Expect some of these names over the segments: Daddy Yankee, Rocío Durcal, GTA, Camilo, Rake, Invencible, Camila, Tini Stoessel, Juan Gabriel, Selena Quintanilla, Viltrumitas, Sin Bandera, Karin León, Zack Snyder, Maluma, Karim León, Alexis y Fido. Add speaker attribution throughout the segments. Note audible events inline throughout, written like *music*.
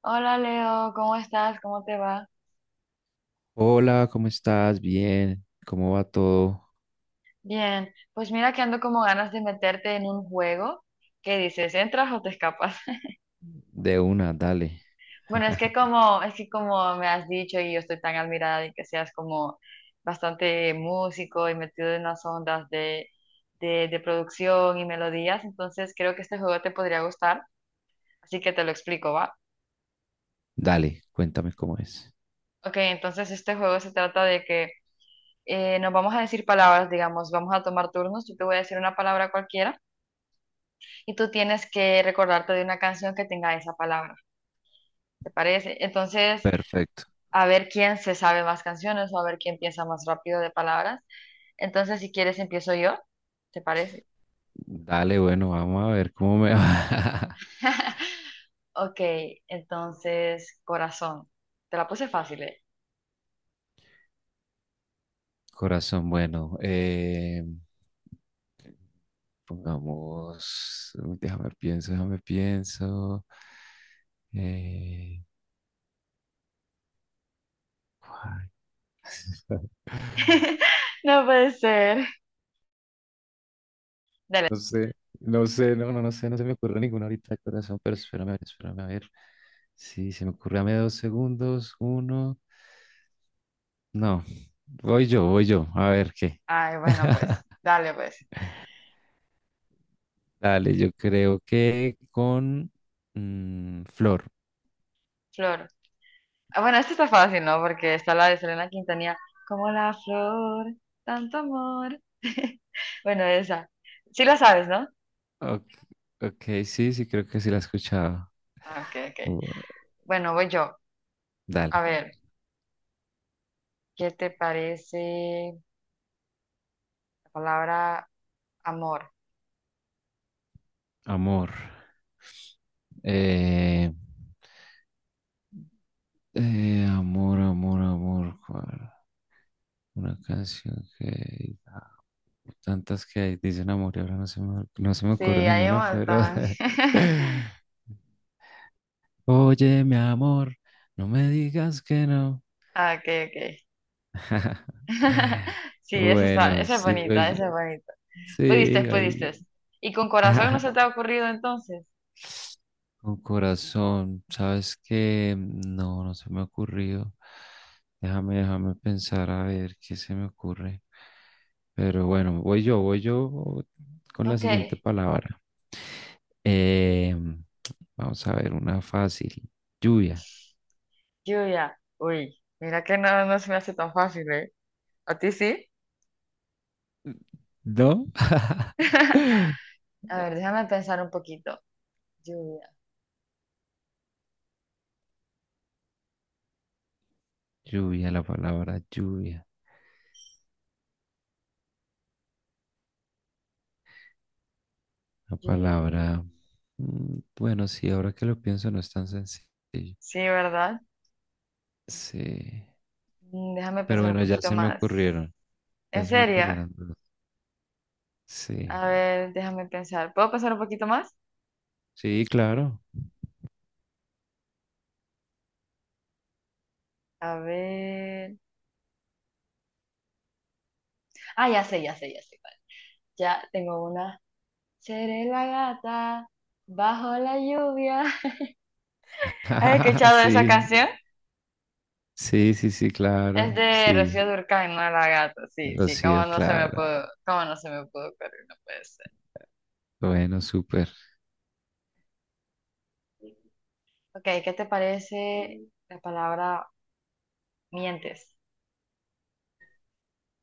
Speaker 1: Hola Leo, ¿cómo estás? ¿Cómo te va?
Speaker 2: Hola, ¿cómo estás? Bien, ¿cómo va todo?
Speaker 1: Bien, pues mira que ando como ganas de meterte en un juego que dices, ¿entras o te escapas? *laughs*
Speaker 2: De una, dale.
Speaker 1: Bueno, es que
Speaker 2: *laughs*
Speaker 1: como, es que como me has dicho y yo estoy tan admirada de que seas como bastante músico y metido en las ondas de producción y melodías, entonces creo que este juego te podría gustar, así que te lo explico, ¿va?
Speaker 2: Dale, cuéntame cómo es.
Speaker 1: Ok, entonces este juego se trata de que nos vamos a decir palabras, digamos, vamos a tomar turnos, yo te voy a decir una palabra cualquiera y tú tienes que recordarte de una canción que tenga esa palabra, ¿te parece? Entonces,
Speaker 2: Perfecto.
Speaker 1: a ver quién se sabe más canciones o a ver quién piensa más rápido de palabras. Entonces, si quieres, empiezo yo, ¿te parece?
Speaker 2: Dale, bueno, vamos a ver cómo me va.
Speaker 1: *laughs* Ok, entonces, corazón. Te la puse fácil, ¿eh?
Speaker 2: *laughs* Corazón, bueno, pongamos, déjame pienso. Eh, ¿Cuál? *laughs*
Speaker 1: *laughs* No puede ser. Dale.
Speaker 2: No sé, no sé, no se me ocurre ninguna ahorita de corazón, pero espérame, a ver, espérame, a ver. Sí, se me ocurre, dame dos segundos, uno. No, voy yo, a ver qué.
Speaker 1: Ay, bueno,
Speaker 2: *laughs*
Speaker 1: pues, dale, pues.
Speaker 2: Dale, yo creo que con Flor.
Speaker 1: Flor. Ah, bueno, esto está fácil, ¿no? Porque está la de Selena Quintanilla. Como la flor, tanto amor. *laughs* Bueno, esa. Sí la sabes, ¿no?
Speaker 2: Ok, ok, sí, sí, creo que sí la he escuchado.
Speaker 1: Ah, ok, ok.
Speaker 2: Uh,
Speaker 1: Bueno, voy yo. A
Speaker 2: Dale,
Speaker 1: ver, ¿qué te parece la palabra amor?
Speaker 2: amor. Eh, amor. ¿Cuál? Una canción que tantas que hay, dicen amor, y ahora no se me, no se me
Speaker 1: Sí,
Speaker 2: ocurre
Speaker 1: hay un
Speaker 2: ninguna, pero...
Speaker 1: montón. *laughs*
Speaker 2: *laughs* Oye, mi amor, no me digas que no.
Speaker 1: Ah, ok, ok.
Speaker 2: *laughs*
Speaker 1: *laughs* Sí, esa está,
Speaker 2: Bueno,
Speaker 1: esa es
Speaker 2: sigo
Speaker 1: bonita,
Speaker 2: yo.
Speaker 1: esa es bonita.
Speaker 2: Sí,
Speaker 1: Pudiste,
Speaker 2: ahí.
Speaker 1: pudiste. ¿Y con corazón no se te
Speaker 2: *laughs*
Speaker 1: ha ocurrido entonces?
Speaker 2: Con corazón, ¿sabes que No, no se me ha ocurrido. Déjame pensar a ver qué se me ocurre. Pero bueno, voy yo con la
Speaker 1: Ok,
Speaker 2: siguiente palabra. Eh, vamos a ver una fácil. Lluvia.
Speaker 1: lluvia. Uy, mira que no, no se me hace tan fácil, ¿eh? ¿A ti sí?
Speaker 2: ¿No?
Speaker 1: *laughs*
Speaker 2: *laughs*
Speaker 1: A ver, déjame pensar un poquito. Lluvia,
Speaker 2: Lluvia. La
Speaker 1: lluvia,
Speaker 2: palabra...
Speaker 1: lluvia.
Speaker 2: bueno, sí, ahora que lo pienso no es tan sencillo.
Speaker 1: Sí, ¿verdad?
Speaker 2: Sí.
Speaker 1: Déjame
Speaker 2: Pero
Speaker 1: pensar un
Speaker 2: bueno, ya
Speaker 1: poquito
Speaker 2: se me
Speaker 1: más.
Speaker 2: ocurrieron.
Speaker 1: ¿En
Speaker 2: Ya se me
Speaker 1: serio?
Speaker 2: ocurrieron dos. Sí.
Speaker 1: A ver, déjame pensar. ¿Puedo pensar un poquito más?
Speaker 2: Sí, claro.
Speaker 1: A ver. Ah, ya sé, ya sé, ya sé cuál. Ya tengo una. Seré la gata bajo la lluvia. *laughs* ¿Has
Speaker 2: *laughs*
Speaker 1: escuchado esa
Speaker 2: Sí.
Speaker 1: canción?
Speaker 2: Sí, sí, sí,
Speaker 1: Es
Speaker 2: claro.
Speaker 1: de
Speaker 2: Sí.
Speaker 1: Rocío Durcal, no la gata. Sí, sí,
Speaker 2: Rocío, claro.
Speaker 1: cómo no se me pudo ocurrir, no puede ser.
Speaker 2: Bueno, súper.
Speaker 1: Ok, ¿qué te parece la palabra mientes?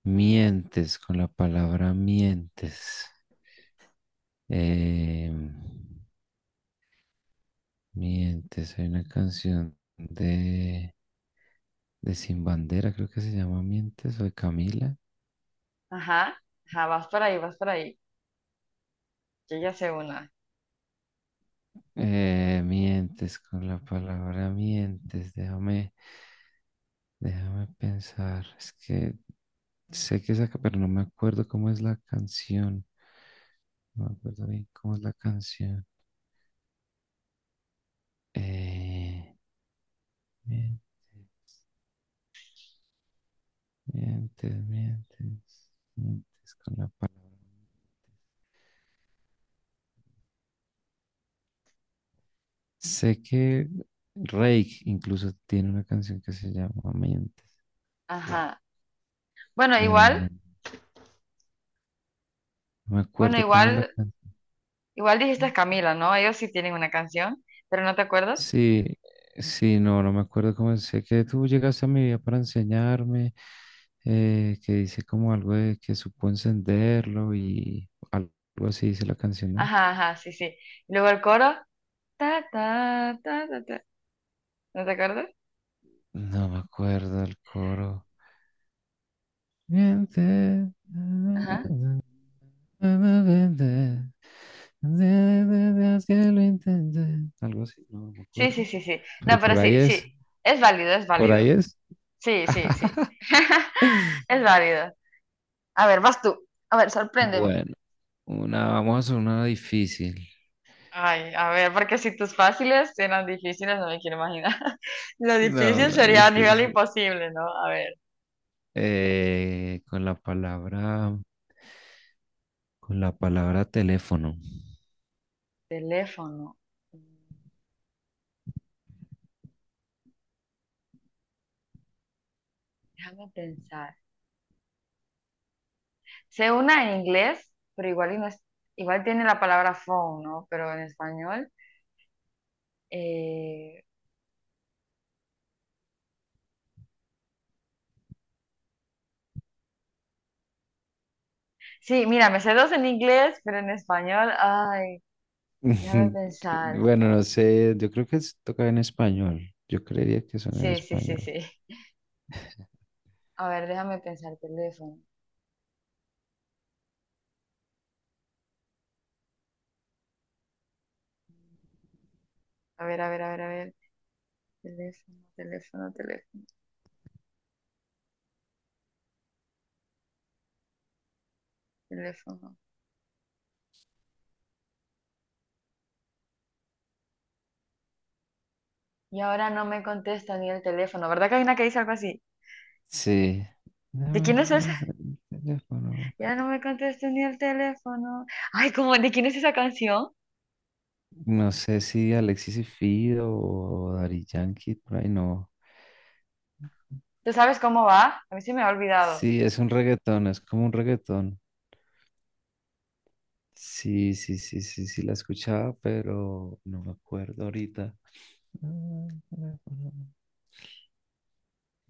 Speaker 2: Mientes, con la palabra mientes. Eh, Mientes, hay una canción de Sin Bandera, creo que se llama Mientes, o de Camila.
Speaker 1: Ajá, ajá, vas por ahí, vas por ahí. Yo ya sé una.
Speaker 2: Mientes con la palabra mientes, déjame pensar. Es que sé que saca, pero no me acuerdo cómo es la canción. No me acuerdo bien cómo es la canción. Eh, mientes, mientes con la palabra. Sé que Rake incluso tiene una canción que se llama Mientes,
Speaker 1: Ajá. Bueno,
Speaker 2: pero no
Speaker 1: igual,
Speaker 2: me
Speaker 1: bueno,
Speaker 2: acuerdo cómo es la
Speaker 1: igual,
Speaker 2: canción.
Speaker 1: igual dijiste Camila, ¿no? Ellos sí tienen una canción, pero ¿no te acuerdas?
Speaker 2: Sí, sí, no, no me acuerdo cómo es. Sé que tú llegaste a mi vida para enseñarme, que dice como algo de que supo encenderlo y algo así dice la canción, ¿no?
Speaker 1: Ajá, ajá, sí, sí. Y luego el coro, ta, ta, ta, ta, ta. ¿No te acuerdas?
Speaker 2: No me acuerdo el coro. Mientes.
Speaker 1: Ajá.
Speaker 2: Que lo intenté. Algo así, no me
Speaker 1: Sí,
Speaker 2: acuerdo.
Speaker 1: sí, sí, sí.
Speaker 2: Pero
Speaker 1: No, pero
Speaker 2: por ahí
Speaker 1: sí,
Speaker 2: es,
Speaker 1: sí. Es válido, es
Speaker 2: por
Speaker 1: válido.
Speaker 2: ahí es.
Speaker 1: Sí, sí, sí.
Speaker 2: *laughs*
Speaker 1: *laughs* Es válido. A ver, vas tú. A ver, sorpréndeme.
Speaker 2: Bueno, una, vamos a hacer una difícil.
Speaker 1: Ay, a ver, porque si tus fáciles eran difíciles, no me quiero imaginar. *laughs* Lo
Speaker 2: No,
Speaker 1: difícil
Speaker 2: una
Speaker 1: sería a nivel
Speaker 2: difícil.
Speaker 1: imposible, ¿no? A ver,
Speaker 2: Eh, con la palabra, con la palabra teléfono.
Speaker 1: teléfono. Mm, Déjame pensar. Sé una en inglés, pero igual, y no es- igual tiene la palabra phone, ¿no? Pero en español. eh, Sí, mira, me sé dos en inglés, pero en español, ay, déjame
Speaker 2: *laughs*
Speaker 1: pensar.
Speaker 2: Bueno, no sé, yo creo que es- toca en español. Yo creería que son en
Speaker 1: Sí, sí, sí,
Speaker 2: español.
Speaker 1: sí. A ver, déjame pensar, teléfono. A ver, a ver, a ver, a ver. Teléfono, teléfono, teléfono, teléfono. Y ahora no me contesta ni el teléfono. ¿Verdad que hay una que dice algo así?
Speaker 2: Sí.
Speaker 1: ¿De
Speaker 2: Dame
Speaker 1: quién es
Speaker 2: acá
Speaker 1: esa?
Speaker 2: el teléfono.
Speaker 1: Ya no me contesta ni el teléfono. Ay, ¿cómo? ¿De quién es esa canción?
Speaker 2: No sé si Alexis y Fido o Daddy Yankee, por ahí no.
Speaker 1: ¿Tú sabes cómo va? A mí se me ha olvidado.
Speaker 2: Sí, es un reggaetón, es como un reggaetón. Sí, sí, sí, sí, sí, la escuchaba, pero no me acuerdo ahorita.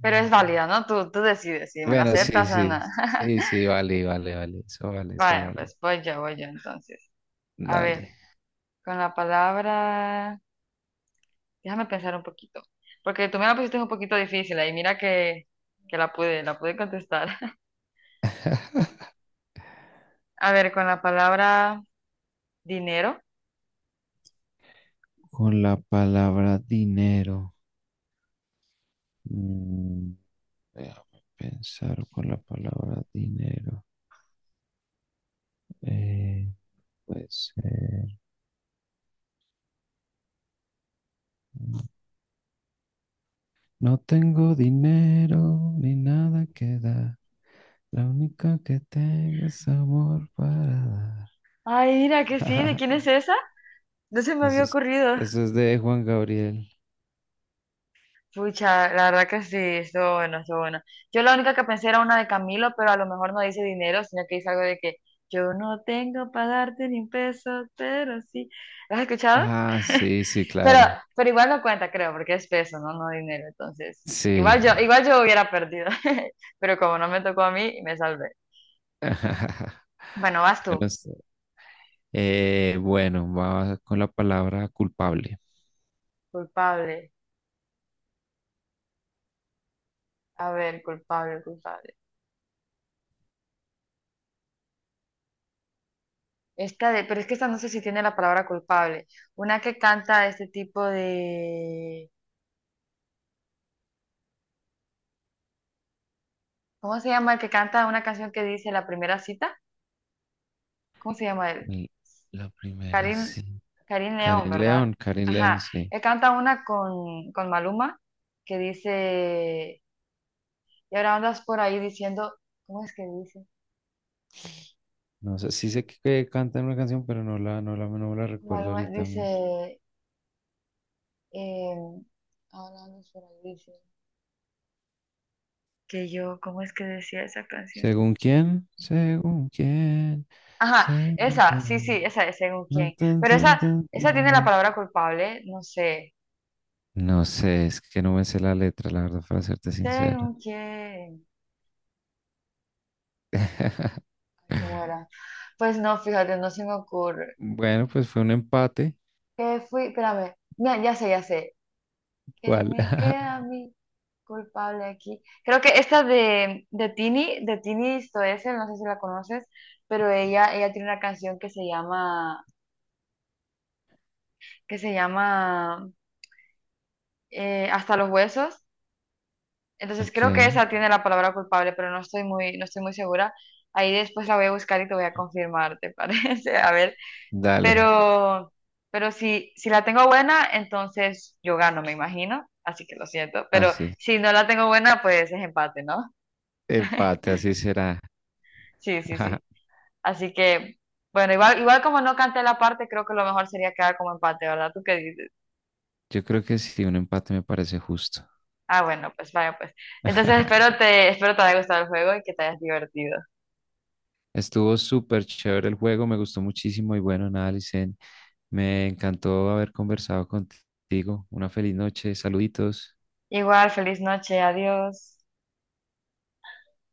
Speaker 1: Pero es válida, ¿no? Tú decides si me la, ujú,
Speaker 2: Bueno, sí,
Speaker 1: aceptas o
Speaker 2: sí,
Speaker 1: no.
Speaker 2: sí,
Speaker 1: *laughs*
Speaker 2: sí, vale, vale, vale, eso vale, eso
Speaker 1: Bueno,
Speaker 2: vale.
Speaker 1: pues voy yo entonces. A
Speaker 2: Dale.
Speaker 1: ver, con la palabra... Déjame pensar un poquito. Porque tú me la pusiste un poquito difícil ahí. Mira que la pude contestar. *laughs* A ver, con la palabra dinero.
Speaker 2: Con la palabra dinero. mm, déjame pensar con la palabra dinero. Eh, puede ser. No tengo dinero ni nada que dar. La única que tengo es amor para
Speaker 1: Ay, mira que sí. ¿De
Speaker 2: dar. *laughs*
Speaker 1: quién es esa? No se me
Speaker 2: Eso
Speaker 1: había
Speaker 2: es,
Speaker 1: ocurrido.
Speaker 2: eso es de Juan Gabriel.
Speaker 1: Pucha, la verdad que sí, estuvo bueno, estuvo bueno. Yo la única que pensé era una de Camilo, pero a lo mejor no dice dinero, sino que dice algo de que yo no tengo para darte ni un peso, pero sí. ¿Lo has escuchado?
Speaker 2: Ah, sí,
Speaker 1: *laughs*
Speaker 2: sí,
Speaker 1: Pero,
Speaker 2: claro.
Speaker 1: pero igual no cuenta, creo, porque es peso, ¿no? No dinero, entonces.
Speaker 2: Sí.
Speaker 1: Igual yo hubiera perdido, *laughs* pero como no me tocó a mí, me salvé.
Speaker 2: *laughs*
Speaker 1: Bueno, vas tú.
Speaker 2: Bueno, sí. Bueno, va con la palabra culpable.
Speaker 1: Culpable. A ver, culpable, culpable. Pero es que esta no sé si tiene la palabra culpable. Una que canta este tipo de... ¿Cómo se llama el que canta una canción que dice la primera cita? ¿Cómo se llama él?
Speaker 2: Y la primera,
Speaker 1: Karim,
Speaker 2: sí.
Speaker 1: Karim León,
Speaker 2: Karin
Speaker 1: ¿verdad?
Speaker 2: León, Karin León,
Speaker 1: Ajá,
Speaker 2: sí.
Speaker 1: él canta una con Maluma que dice, y ahora andas por ahí diciendo, ¿cómo es que dice?
Speaker 2: No sé, sí sé que canta una canción, pero no la, no la, no la recuerdo
Speaker 1: Maluma
Speaker 2: ahorita.
Speaker 1: dice, eh, ahora andas por ahí dice, que yo, ¿cómo es que decía esa canción?
Speaker 2: ¿Según quién? ¿Según quién?
Speaker 1: Ajá,
Speaker 2: ¿Según
Speaker 1: esa, sí, sí,
Speaker 2: quién?
Speaker 1: esa es según
Speaker 2: Tan,
Speaker 1: quién,
Speaker 2: tan,
Speaker 1: pero
Speaker 2: tan,
Speaker 1: esa,
Speaker 2: tan,
Speaker 1: esa
Speaker 2: tan,
Speaker 1: tiene la
Speaker 2: tan.
Speaker 1: palabra culpable, no sé,
Speaker 2: No sé, es que no me sé la letra, la verdad, para serte sincera.
Speaker 1: según quién. ¿Cómo era? Pues no, fíjate, no se me ocurre.
Speaker 2: Bueno, pues fue un empate.
Speaker 1: ¿Qué fui? Espérame. Mira, ya sé, ya sé. ¿Qué
Speaker 2: ¿Cuál?
Speaker 1: me
Speaker 2: *laughs*
Speaker 1: queda a mí culpable aquí? Creo que esta de Tini Stoessel, no sé si la conoces, pero ella tiene una canción que se llama Hasta los huesos. Entonces
Speaker 2: Ok,
Speaker 1: creo que esa tiene la palabra culpable, pero no estoy muy segura. Ahí después la voy a buscar y te voy a confirmar, ¿te parece? *laughs* A ver.
Speaker 2: dale,
Speaker 1: Pero, pero si la tengo buena, entonces yo gano, me imagino. Así que lo siento. Pero
Speaker 2: así.
Speaker 1: si no la tengo buena, pues es empate, ¿no?
Speaker 2: Empate,
Speaker 1: *laughs*
Speaker 2: así será.
Speaker 1: Sí, sí,
Speaker 2: *laughs*
Speaker 1: sí. Así que, bueno, igual como no canté la parte, creo que lo mejor sería quedar como empate, ¿verdad? ¿Tú qué dices?
Speaker 2: Yo creo que sí, un empate me parece justo.
Speaker 1: Ah, bueno, pues vaya, pues. Entonces
Speaker 2: *laughs*
Speaker 1: espero te haya gustado el juego y que te hayas divertido.
Speaker 2: Estuvo súper chévere el juego, me gustó muchísimo y bueno, nada, Licen, me encantó haber conversado contigo. Una feliz noche, saluditos.
Speaker 1: Igual, feliz noche, adiós.